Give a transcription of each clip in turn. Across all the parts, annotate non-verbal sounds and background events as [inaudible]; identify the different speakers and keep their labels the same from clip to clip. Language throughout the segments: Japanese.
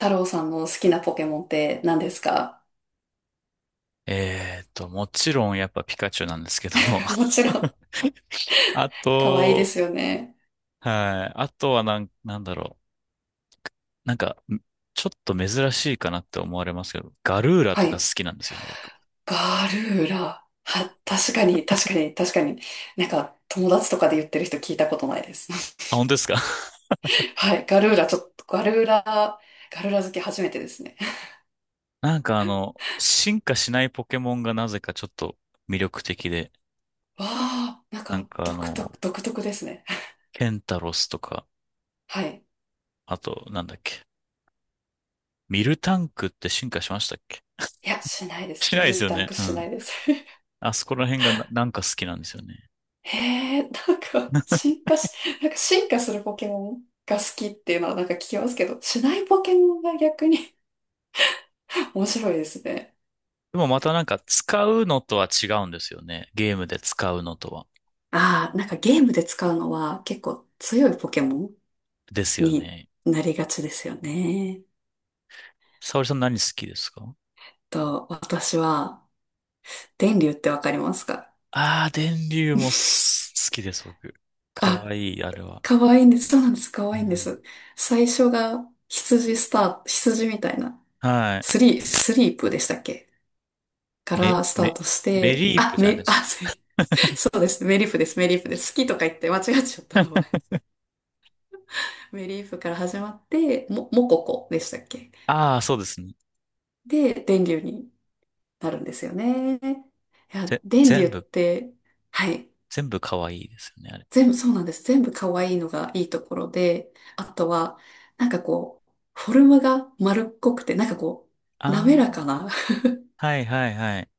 Speaker 1: 太郎さんの好きなポケモンって何ですか？
Speaker 2: もちろんやっぱピカチュウなんですけど、
Speaker 1: [laughs] もちろ
Speaker 2: [laughs]
Speaker 1: ん、
Speaker 2: あ
Speaker 1: 可愛いで
Speaker 2: と、
Speaker 1: すよね。
Speaker 2: はい。あとはなんだろう。なんか、ちょっと珍しいかなって思われますけど、ガルーラ
Speaker 1: は
Speaker 2: とか好
Speaker 1: い。
Speaker 2: きなんですよね、僕。
Speaker 1: ガルーラ。は、確かに、確かに、確かに。なんか、友達とかで言ってる人聞いたことないで
Speaker 2: あ、本
Speaker 1: す。
Speaker 2: 当ですか？ [laughs]
Speaker 1: [laughs] はい。ガルーラ、ちょっと、ガルーラ、ガルーラ好き初めてですね。
Speaker 2: なんか進化しないポケモンがなぜかちょっと魅力的で、
Speaker 1: わあ、なん
Speaker 2: なん
Speaker 1: か、
Speaker 2: か
Speaker 1: 独特、独特ですね。
Speaker 2: ケンタロスとか、
Speaker 1: はい。
Speaker 2: あと、なんだっけ、ミルタンクって進化しましたっけ？
Speaker 1: いや、しないで
Speaker 2: し
Speaker 1: す。
Speaker 2: な
Speaker 1: ミ
Speaker 2: いで
Speaker 1: ル
Speaker 2: すよ
Speaker 1: タン
Speaker 2: ね。
Speaker 1: ク
Speaker 2: う
Speaker 1: しな
Speaker 2: ん。
Speaker 1: いです。[laughs]
Speaker 2: あそこら辺がなんか好きなんですよね。
Speaker 1: へえ、なんか、進化し、なんか進化するポケモンが好きっていうのはなんか聞きますけど、しないポケモンが逆に [laughs] 面白いですね。
Speaker 2: でもまたなんか使うのとは違うんですよね。ゲームで使うのとは。
Speaker 1: ああ、なんかゲームで使うのは結構強いポケモン
Speaker 2: ですよ
Speaker 1: に
Speaker 2: ね。
Speaker 1: なりがちですよね。
Speaker 2: 沙織さん何好きですか？
Speaker 1: と、私は、電流ってわかりますか？
Speaker 2: ああー、電流も
Speaker 1: [laughs]
Speaker 2: 好きです、僕。か
Speaker 1: あ、
Speaker 2: わいい、あれは。
Speaker 1: 可愛いんです。そうなんです。可
Speaker 2: う
Speaker 1: 愛いんで
Speaker 2: ん。
Speaker 1: す。最初が羊スタート、羊みたいな、
Speaker 2: はい。
Speaker 1: スリー、スリープでしたっけ？か
Speaker 2: メ、
Speaker 1: らスター
Speaker 2: メ、
Speaker 1: トし
Speaker 2: メ
Speaker 1: て、
Speaker 2: リープ
Speaker 1: あ、
Speaker 2: じゃない
Speaker 1: め、
Speaker 2: で
Speaker 1: あ、
Speaker 2: す
Speaker 1: す、
Speaker 2: か？
Speaker 1: そうです。メリーフです。メリーフです。好きとか言って間違っちゃった名前。メリーフから始まって、も、モココでしたっけ？
Speaker 2: ああ、そうですね。
Speaker 1: で、電流になるんですよね。いや、
Speaker 2: ぜ、
Speaker 1: 電流っ
Speaker 2: 全部、
Speaker 1: て、はい。
Speaker 2: 全部かわいいですよね、あれ。
Speaker 1: 全部、そうなんです。全部可愛いのがいいところで、あとは、なんかこう、フォルムが丸っこくて、なんかこう、滑
Speaker 2: あ
Speaker 1: らかな
Speaker 2: あ、はいはいはい。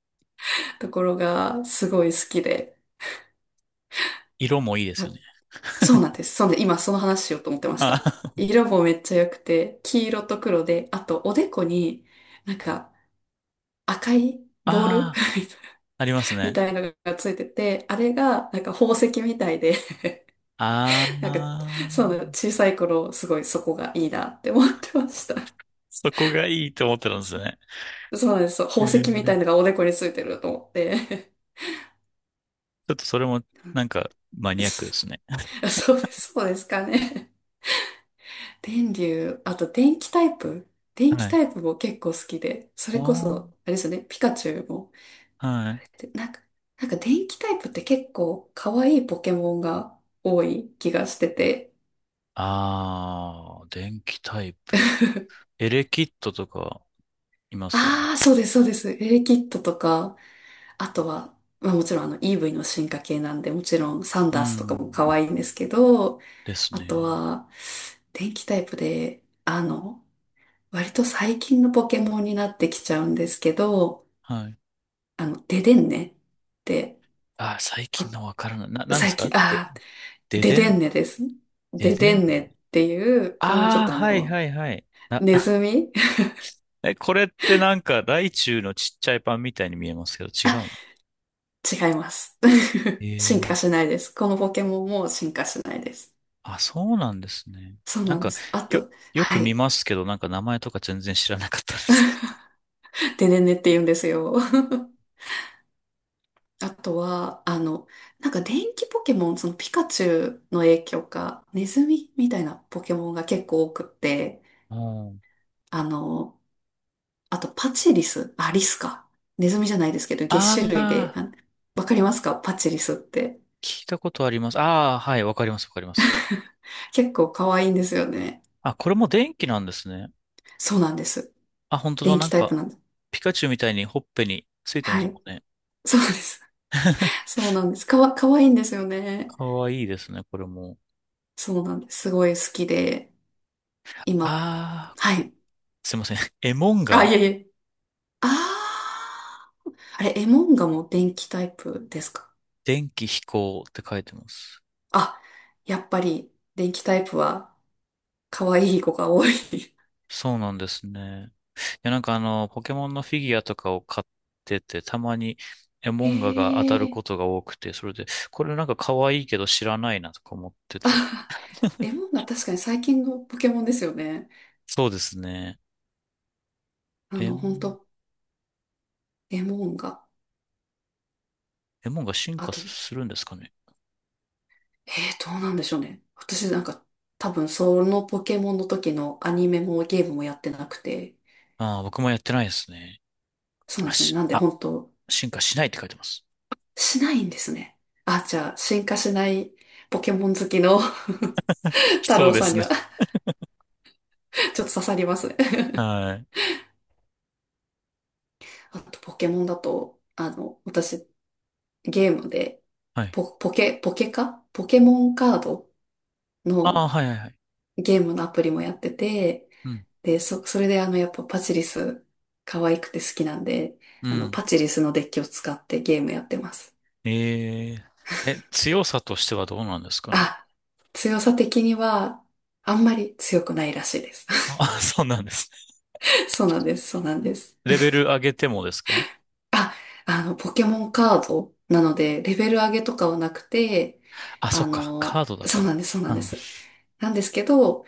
Speaker 1: [laughs] ところがすごい好きで、
Speaker 2: 色もいいですよ
Speaker 1: あ、
Speaker 2: ね。
Speaker 1: そうなんです。そうなんで、今その話しようと思ってまし
Speaker 2: あ
Speaker 1: た。
Speaker 2: ー
Speaker 1: 色もめっちゃ良くて、黄色と黒で、あとおでこになんか赤い
Speaker 2: [laughs]
Speaker 1: ボール
Speaker 2: あー、
Speaker 1: [laughs]
Speaker 2: あります
Speaker 1: み
Speaker 2: ね。
Speaker 1: たいなのがついてて、あれがなんか宝石みたいで、
Speaker 2: あ
Speaker 1: [laughs] なんか
Speaker 2: あ、
Speaker 1: そうなんです、小さい頃すごいそこがいいなって思ってました。
Speaker 2: そこがいいと思ってたんですよね。
Speaker 1: そうなんです。そう、宝石みたい
Speaker 2: え
Speaker 1: な
Speaker 2: え、
Speaker 1: のがおでこについてると思って。
Speaker 2: ちょっとそれもなんかマニアックです
Speaker 1: [laughs]
Speaker 2: ね。
Speaker 1: そうです、そうですかね。電流、あと電気タイプ、電
Speaker 2: は
Speaker 1: 気
Speaker 2: い。
Speaker 1: タイプも結構好きで、それこそ、
Speaker 2: おー、
Speaker 1: あれですよね、ピカチュウも。
Speaker 2: はい。
Speaker 1: で、なんか、なんか電気タイプって結構可愛いポケモンが多い気がしてて。
Speaker 2: あー、電気タイプ。
Speaker 1: [laughs]
Speaker 2: エレキットとかいますよね。
Speaker 1: ああ、そうです、そうです。エレキッドとか、あとは、まあもちろんイーブイの進化系なんで、もちろんサン
Speaker 2: う
Speaker 1: ダースとかも可
Speaker 2: ん。
Speaker 1: 愛いんですけど、
Speaker 2: です
Speaker 1: あと
Speaker 2: ね。
Speaker 1: は、電気タイプで、割と最近のポケモンになってきちゃうんですけど、
Speaker 2: はい。
Speaker 1: ででんねって、
Speaker 2: あー、最近
Speaker 1: わ、
Speaker 2: のわからない。なんで
Speaker 1: 最
Speaker 2: すか
Speaker 1: 近、
Speaker 2: で、
Speaker 1: ああ、
Speaker 2: で
Speaker 1: で
Speaker 2: で
Speaker 1: で
Speaker 2: ん、
Speaker 1: んねです。
Speaker 2: で
Speaker 1: で
Speaker 2: で
Speaker 1: で
Speaker 2: ん。
Speaker 1: んねっていう、これもちょっ
Speaker 2: あー、
Speaker 1: と
Speaker 2: はいはいはい。
Speaker 1: ネズ
Speaker 2: [laughs]
Speaker 1: ミ [laughs]
Speaker 2: え、これってなんかライチュウのちっちゃいパンみたいに見えますけど違
Speaker 1: あ、
Speaker 2: うん？
Speaker 1: 違います。
Speaker 2: え
Speaker 1: [laughs] 進
Speaker 2: ー、
Speaker 1: 化しないです。このポケモンも進化しないです。
Speaker 2: あ、そうなんですね。
Speaker 1: そう
Speaker 2: なん
Speaker 1: なんで
Speaker 2: か、
Speaker 1: す。あ
Speaker 2: よ、
Speaker 1: と、
Speaker 2: よく
Speaker 1: は
Speaker 2: 見
Speaker 1: い。
Speaker 2: ますけど、なんか名前とか全然知らなかったです。
Speaker 1: ででんねって言うんですよ。[laughs] あとは、なんか電気ポケモン、そのピカチュウの影響か、ネズミみたいなポケモンが結構多くって、
Speaker 2: あ
Speaker 1: あの、あと、パチリス。あ、リスか。ネズミじゃないですけど、
Speaker 2: あ
Speaker 1: シ種類で。
Speaker 2: あ
Speaker 1: あ、わかりますか、パチリスって。
Speaker 2: ー、聞いたことあります。ああ、はい、わかります、わかります。
Speaker 1: 結構可愛いんですよね。
Speaker 2: あ、これも電気なんですね。
Speaker 1: そうなんです。
Speaker 2: あ、本当だ、
Speaker 1: 電
Speaker 2: な
Speaker 1: 気
Speaker 2: ん
Speaker 1: タイ
Speaker 2: か、
Speaker 1: プなんです。
Speaker 2: ピカチュウみたいにほっぺについてま
Speaker 1: は
Speaker 2: す
Speaker 1: い。
Speaker 2: もんね。
Speaker 1: そうです。
Speaker 2: [laughs]
Speaker 1: そうなんです。かわ、可愛いんですよね。
Speaker 2: かわいいですね、これも。
Speaker 1: そうなんです。すごい好きで。今、
Speaker 2: ああ、
Speaker 1: はい。
Speaker 2: すいません。[laughs] エモン
Speaker 1: あ、
Speaker 2: が
Speaker 1: いえいえ。あー。あれ、エモンガも電気タイプですか？
Speaker 2: 電気飛行って書いてます。
Speaker 1: あ、やっぱり、電気タイプは可愛い子が多い。
Speaker 2: そうなんですね。いや、なんかポケモンのフィギュアとかを買ってて、たまにエ
Speaker 1: [laughs]
Speaker 2: モ
Speaker 1: へ
Speaker 2: ンガが当たる
Speaker 1: え。
Speaker 2: ことが多くて、それで、これなんか可愛いけど知らないなとか思ってて。
Speaker 1: エモンガ確かに最近のポケモンですよね。
Speaker 2: そうですね。エモ
Speaker 1: 本
Speaker 2: ン、
Speaker 1: 当エモンが、
Speaker 2: エモンが進
Speaker 1: あ
Speaker 2: 化
Speaker 1: と、
Speaker 2: するんですかね？
Speaker 1: どうなんでしょうね。私なんか、多分そのポケモンの時のアニメもゲームもやってなくて、
Speaker 2: ああ、僕もやってないですね。
Speaker 1: そうなん
Speaker 2: あ、
Speaker 1: ですよね。なんで
Speaker 2: あ、
Speaker 1: 本当、
Speaker 2: 進化しないって書いてます。
Speaker 1: しないんですね。あ、じゃあ、進化しないポケモン好きの [laughs] 太
Speaker 2: そう
Speaker 1: 郎
Speaker 2: で
Speaker 1: さん
Speaker 2: す
Speaker 1: に
Speaker 2: ね。
Speaker 1: は [laughs] ちょっと刺さりますね。
Speaker 2: はい。
Speaker 1: あと、ポケモンだと、私、ゲームで、
Speaker 2: はい。
Speaker 1: ポ、ポケ、ポケかポケモンカード
Speaker 2: ああ、
Speaker 1: の
Speaker 2: はいはいはい。
Speaker 1: ゲームのアプリもやってて、
Speaker 2: うん。
Speaker 1: で、そ、それでやっぱパチリス、可愛くて好きなんで、
Speaker 2: うん。
Speaker 1: パチリスのデッキを使ってゲームやってます。
Speaker 2: ええ。え、強さとしてはどうなんですかね？
Speaker 1: あ、強さ的には、あんまり強くないらしいです。
Speaker 2: あ、[laughs] そうなんですね。
Speaker 1: [laughs] そうなんです、そうなんです。
Speaker 2: レベル上げてもですか？
Speaker 1: あ、ポケモンカードなので、レベル上げとかはなくて、
Speaker 2: あ、そっか。カードだか
Speaker 1: そう
Speaker 2: ら。
Speaker 1: なんです、そうな
Speaker 2: う
Speaker 1: んで
Speaker 2: ん。
Speaker 1: す。なんですけど、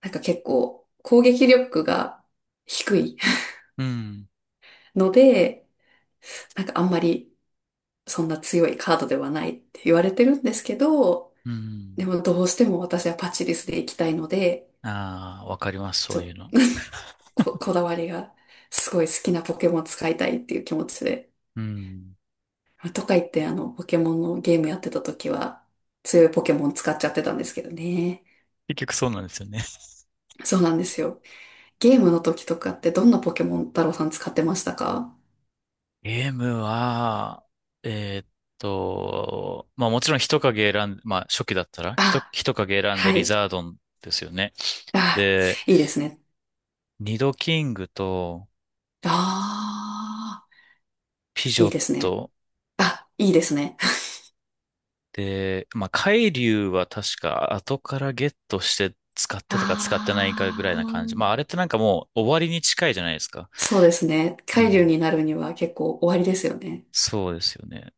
Speaker 1: なんか結構、攻撃力が低い
Speaker 2: うん。
Speaker 1: [laughs] ので、なんかあんまりそんな強いカードではないって言われてるんですけど、
Speaker 2: う
Speaker 1: で
Speaker 2: ん。
Speaker 1: もどうしても私はパチリスで行きたいので、
Speaker 2: ああ、わかります。そ
Speaker 1: ち
Speaker 2: う
Speaker 1: ょっ
Speaker 2: いう
Speaker 1: と
Speaker 2: の。
Speaker 1: [laughs] こ、こだわりがすごい好きなポケモン使いたいっていう気持ちで。
Speaker 2: うん。
Speaker 1: とか言ってポケモンのゲームやってた時は強いポケモン使っちゃってたんですけどね。
Speaker 2: 結局そうなんですよね。
Speaker 1: そうなんですよ。ゲームの時とかってどんなポケモン太郎さん使ってましたか？
Speaker 2: ゲームは、えーっまあもちろん人影選ん、まあ初期だったら、
Speaker 1: あ、
Speaker 2: 人影選んで
Speaker 1: は
Speaker 2: リ
Speaker 1: い。
Speaker 2: ザードンですよね。
Speaker 1: あ、
Speaker 2: で、
Speaker 1: いいですね。
Speaker 2: ニドキングと
Speaker 1: ああ、
Speaker 2: ピジ
Speaker 1: い
Speaker 2: ョ
Speaker 1: い
Speaker 2: ッ
Speaker 1: ですね。
Speaker 2: ト
Speaker 1: あ、いいですね。
Speaker 2: で、まあ海竜は確か後からゲットして使ってたか使ってないかぐら
Speaker 1: あ
Speaker 2: いな感じ。まああ
Speaker 1: あ、
Speaker 2: れってなんかもう終わりに近いじゃないですか。
Speaker 1: そうですね。
Speaker 2: う
Speaker 1: 海流
Speaker 2: ん。
Speaker 1: になるには結構終わりですよね。
Speaker 2: そうですよね。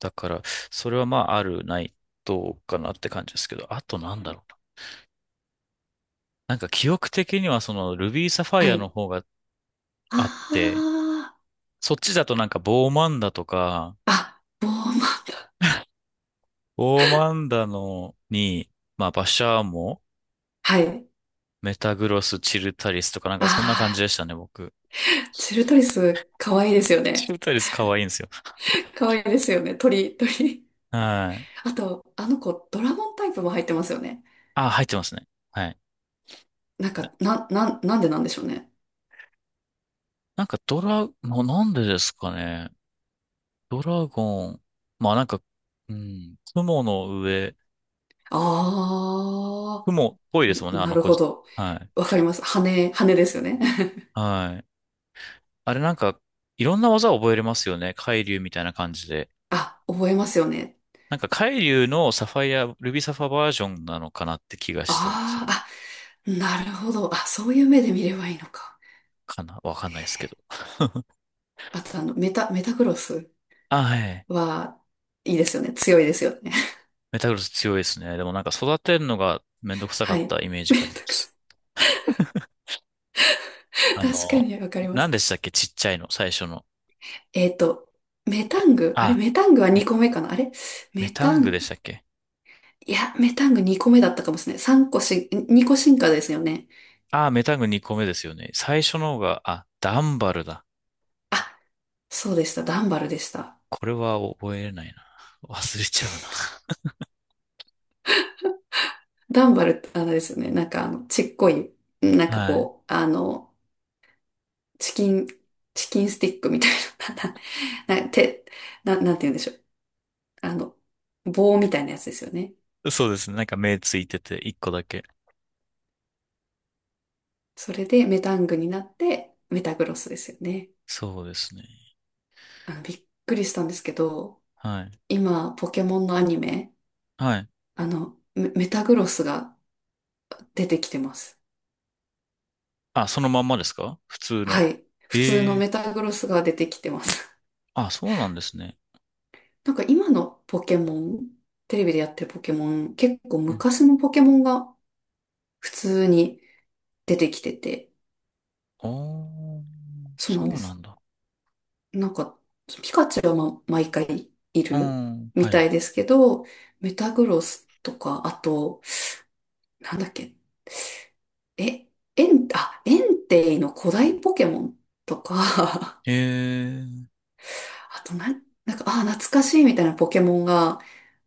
Speaker 2: だから、それはまああるないどうかなって感じですけど、あとなんだろう。なんか記憶的にはそのルビーサファ
Speaker 1: は
Speaker 2: イアの
Speaker 1: い。
Speaker 2: 方があって、
Speaker 1: あ
Speaker 2: そっちだとなんかボーマンダとか、
Speaker 1: あ、あ、ボーマン。
Speaker 2: ボーマンダのに、まあバシャーモ、
Speaker 1: はい。
Speaker 2: メタグロス、チルタリスとかなんかそんな感じで
Speaker 1: あ
Speaker 2: したね、僕。
Speaker 1: あ、チルトリス、可愛いですよ
Speaker 2: チ
Speaker 1: ね。
Speaker 2: ルタリス可愛いんですよ。
Speaker 1: 可愛いですよね。鳥、鳥。
Speaker 2: はい。
Speaker 1: あと、あの子、ドラゴンタイプも入ってますよね。
Speaker 2: あ、入ってますね。はい。
Speaker 1: なん
Speaker 2: な、
Speaker 1: か、な、な、なんでなんでしょうね。
Speaker 2: なんかなんでですかね？ドラゴン。まあなんか、うん、雲の上、
Speaker 1: あ
Speaker 2: 雲っぽい
Speaker 1: あ、
Speaker 2: ですもん
Speaker 1: ん、
Speaker 2: ね、あ
Speaker 1: な
Speaker 2: の
Speaker 1: る
Speaker 2: 子
Speaker 1: ほ
Speaker 2: じ。
Speaker 1: ど。
Speaker 2: は
Speaker 1: わ
Speaker 2: い。
Speaker 1: かります。羽、羽ですよね。
Speaker 2: はい。あれなんか、いろんな技を覚えれますよね。海竜みたいな感じで。
Speaker 1: [laughs] あ、覚えますよね。
Speaker 2: なんか海竜のサファイア、ルビーサファバージョンなのかなって気がしてるんですよ
Speaker 1: あ
Speaker 2: ね。
Speaker 1: あ、あ、なるほど。あ、そういう目で見ればいいのか。
Speaker 2: かなわかんないですけど。[laughs]
Speaker 1: あと、メタ、メタクロス
Speaker 2: あ、はい。
Speaker 1: は、いいですよね。強いですよね。
Speaker 2: メタグロス強いですね。でもなんか育てるのがめんどく
Speaker 1: [laughs]
Speaker 2: さか
Speaker 1: は
Speaker 2: っ
Speaker 1: い。
Speaker 2: たイメー
Speaker 1: [laughs]
Speaker 2: ジがあ
Speaker 1: メ
Speaker 2: りま
Speaker 1: タク
Speaker 2: す。
Speaker 1: ソ。
Speaker 2: あ
Speaker 1: 確か
Speaker 2: の、
Speaker 1: にわかりま
Speaker 2: 何
Speaker 1: す。
Speaker 2: でしたっけちっちゃいの、最初の？
Speaker 1: えっと、メ
Speaker 2: え、
Speaker 1: タング。あれ、
Speaker 2: あ、
Speaker 1: メタングは
Speaker 2: メ、
Speaker 1: 2個目かなあれ、
Speaker 2: メ
Speaker 1: メ
Speaker 2: タ
Speaker 1: タ
Speaker 2: ング
Speaker 1: ン、
Speaker 2: でしたっけ？
Speaker 1: いや、メタング2個目だったかもしれない。3個し、2個進化ですよね。
Speaker 2: あ、メタング2個目ですよね。最初の方が、あ、ダンバルだ。
Speaker 1: そうでした。ダンバルでした。
Speaker 2: これは覚えれないな。忘れちゃうな。
Speaker 1: ダンバルってあれですよね。なんかちっこい、なんか
Speaker 2: はい。
Speaker 1: こう、チキン、チキンスティックみたいな、[laughs] な、な、て、な、なんて言うんでしょう。あの、棒みたいなやつですよね。
Speaker 2: そうですね。なんか目ついてて、一個だけ。
Speaker 1: それでメタングになってメタグロスですよね。
Speaker 2: そうですね。
Speaker 1: びっくりしたんですけど、
Speaker 2: はい。
Speaker 1: 今、ポケモンのアニメ、
Speaker 2: はい。
Speaker 1: メ、メタグロスが出てきてます。
Speaker 2: あ、そのまんまですか普通の？
Speaker 1: はい。普通の
Speaker 2: ええ、
Speaker 1: メタグロスが出てきてます。
Speaker 2: あ、そうなんですね。
Speaker 1: [laughs] なんか今のポケモン、テレビでやってるポケモン、結構
Speaker 2: うん。
Speaker 1: 昔のポケモンが普通に出てきてて、
Speaker 2: おー、
Speaker 1: そうなん
Speaker 2: そ
Speaker 1: で
Speaker 2: うなん
Speaker 1: す。
Speaker 2: だ。
Speaker 1: なんか、ピカチュウは毎回い
Speaker 2: う
Speaker 1: る
Speaker 2: ん。
Speaker 1: み
Speaker 2: は
Speaker 1: た
Speaker 2: い。
Speaker 1: いですけど、メタグロスとか、あと、なんだっけ、え、エン、あ、エンテイの古代ポケモンとか、[laughs]
Speaker 2: ええ
Speaker 1: あと、なん、なんか、あ、懐かしいみたいなポケモンが、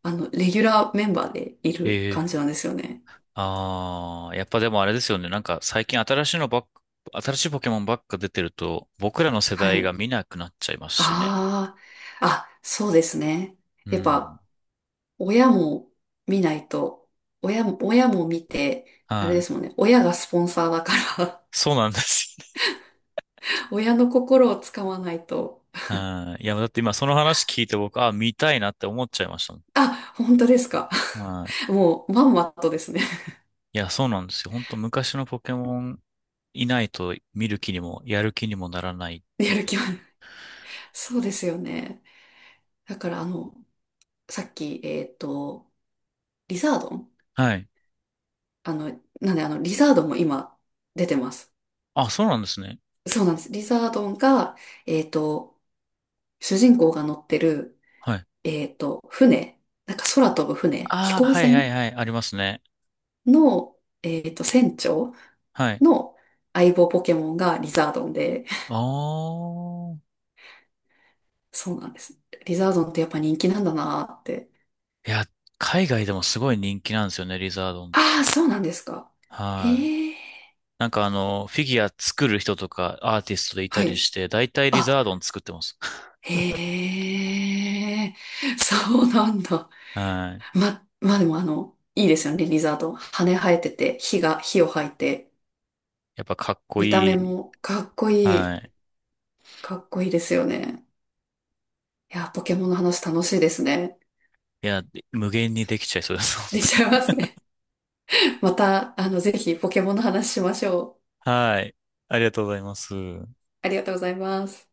Speaker 1: レギュラーメンバーでいる
Speaker 2: え
Speaker 1: 感
Speaker 2: え、
Speaker 1: じなんですよね。
Speaker 2: ああやっぱでもあれですよね。なんか最近新しいのばっか、新しいポケモンばっか出てると、僕らの世
Speaker 1: は
Speaker 2: 代
Speaker 1: い。
Speaker 2: が見なくなっちゃいますしね。
Speaker 1: ああ、あ、そうですね。
Speaker 2: う
Speaker 1: やっ
Speaker 2: ん。
Speaker 1: ぱ、親も見ないと、親も、親も見て、あれ
Speaker 2: は
Speaker 1: ですもん
Speaker 2: い。
Speaker 1: ね。親がスポンサーだから
Speaker 2: そうなんです
Speaker 1: [laughs] 親の心をつかまないと。
Speaker 2: よね。うん。いや、だって今その話聞いて僕、あ、見たいなって思っちゃいました。
Speaker 1: あ、本当ですか。
Speaker 2: は
Speaker 1: [laughs] もう、まんまとですね。
Speaker 2: い。いや、そうなんですよ。本当昔のポケモンいないと見る気にも、やる気にもならない。
Speaker 1: [laughs] やる気は。そうですよね。だから、さっき、リザードン、
Speaker 2: はい。
Speaker 1: あの、なんで、リザードンも今、出てます。
Speaker 2: あ、そうなんですね。
Speaker 1: そうなんです。リザードンが、えっと、主人公が乗ってる、
Speaker 2: はい。
Speaker 1: 船、なんか空飛ぶ船、飛
Speaker 2: ああ、
Speaker 1: 行
Speaker 2: はいはい
Speaker 1: 船
Speaker 2: はい。ありますね。
Speaker 1: の、船長
Speaker 2: はい。
Speaker 1: の相棒ポケモンがリザードンで、
Speaker 2: ああ。
Speaker 1: そうなんです。リザードンってやっぱ人気なんだなーって。
Speaker 2: いや、海外でもすごい人気なんですよね、リザードン。
Speaker 1: ああ、そうなんですか。
Speaker 2: はい。
Speaker 1: ええ、
Speaker 2: なんかフィギュア作る人とかアーティストでいた
Speaker 1: は
Speaker 2: り
Speaker 1: い。
Speaker 2: して、だいたいリ
Speaker 1: あ、
Speaker 2: ザードン作ってます。[laughs]
Speaker 1: へえ、そうなんだ。
Speaker 2: はい。
Speaker 1: ま、まあでもいいですよね、リザードン。羽生えてて、火が、火を吐いて、
Speaker 2: やっぱかっこ
Speaker 1: 見た
Speaker 2: い
Speaker 1: 目
Speaker 2: い。
Speaker 1: もかっこいい。
Speaker 2: はい。
Speaker 1: かっこいいですよね。いや、ポケモンの話楽しいですね。
Speaker 2: いや、無限にできちゃいそうです、本
Speaker 1: でき
Speaker 2: 当
Speaker 1: ちゃ
Speaker 2: に。
Speaker 1: いますね。[laughs] また、ぜひポケモンの話しましょう。
Speaker 2: はい。ありがとうございます。
Speaker 1: ありがとうございます。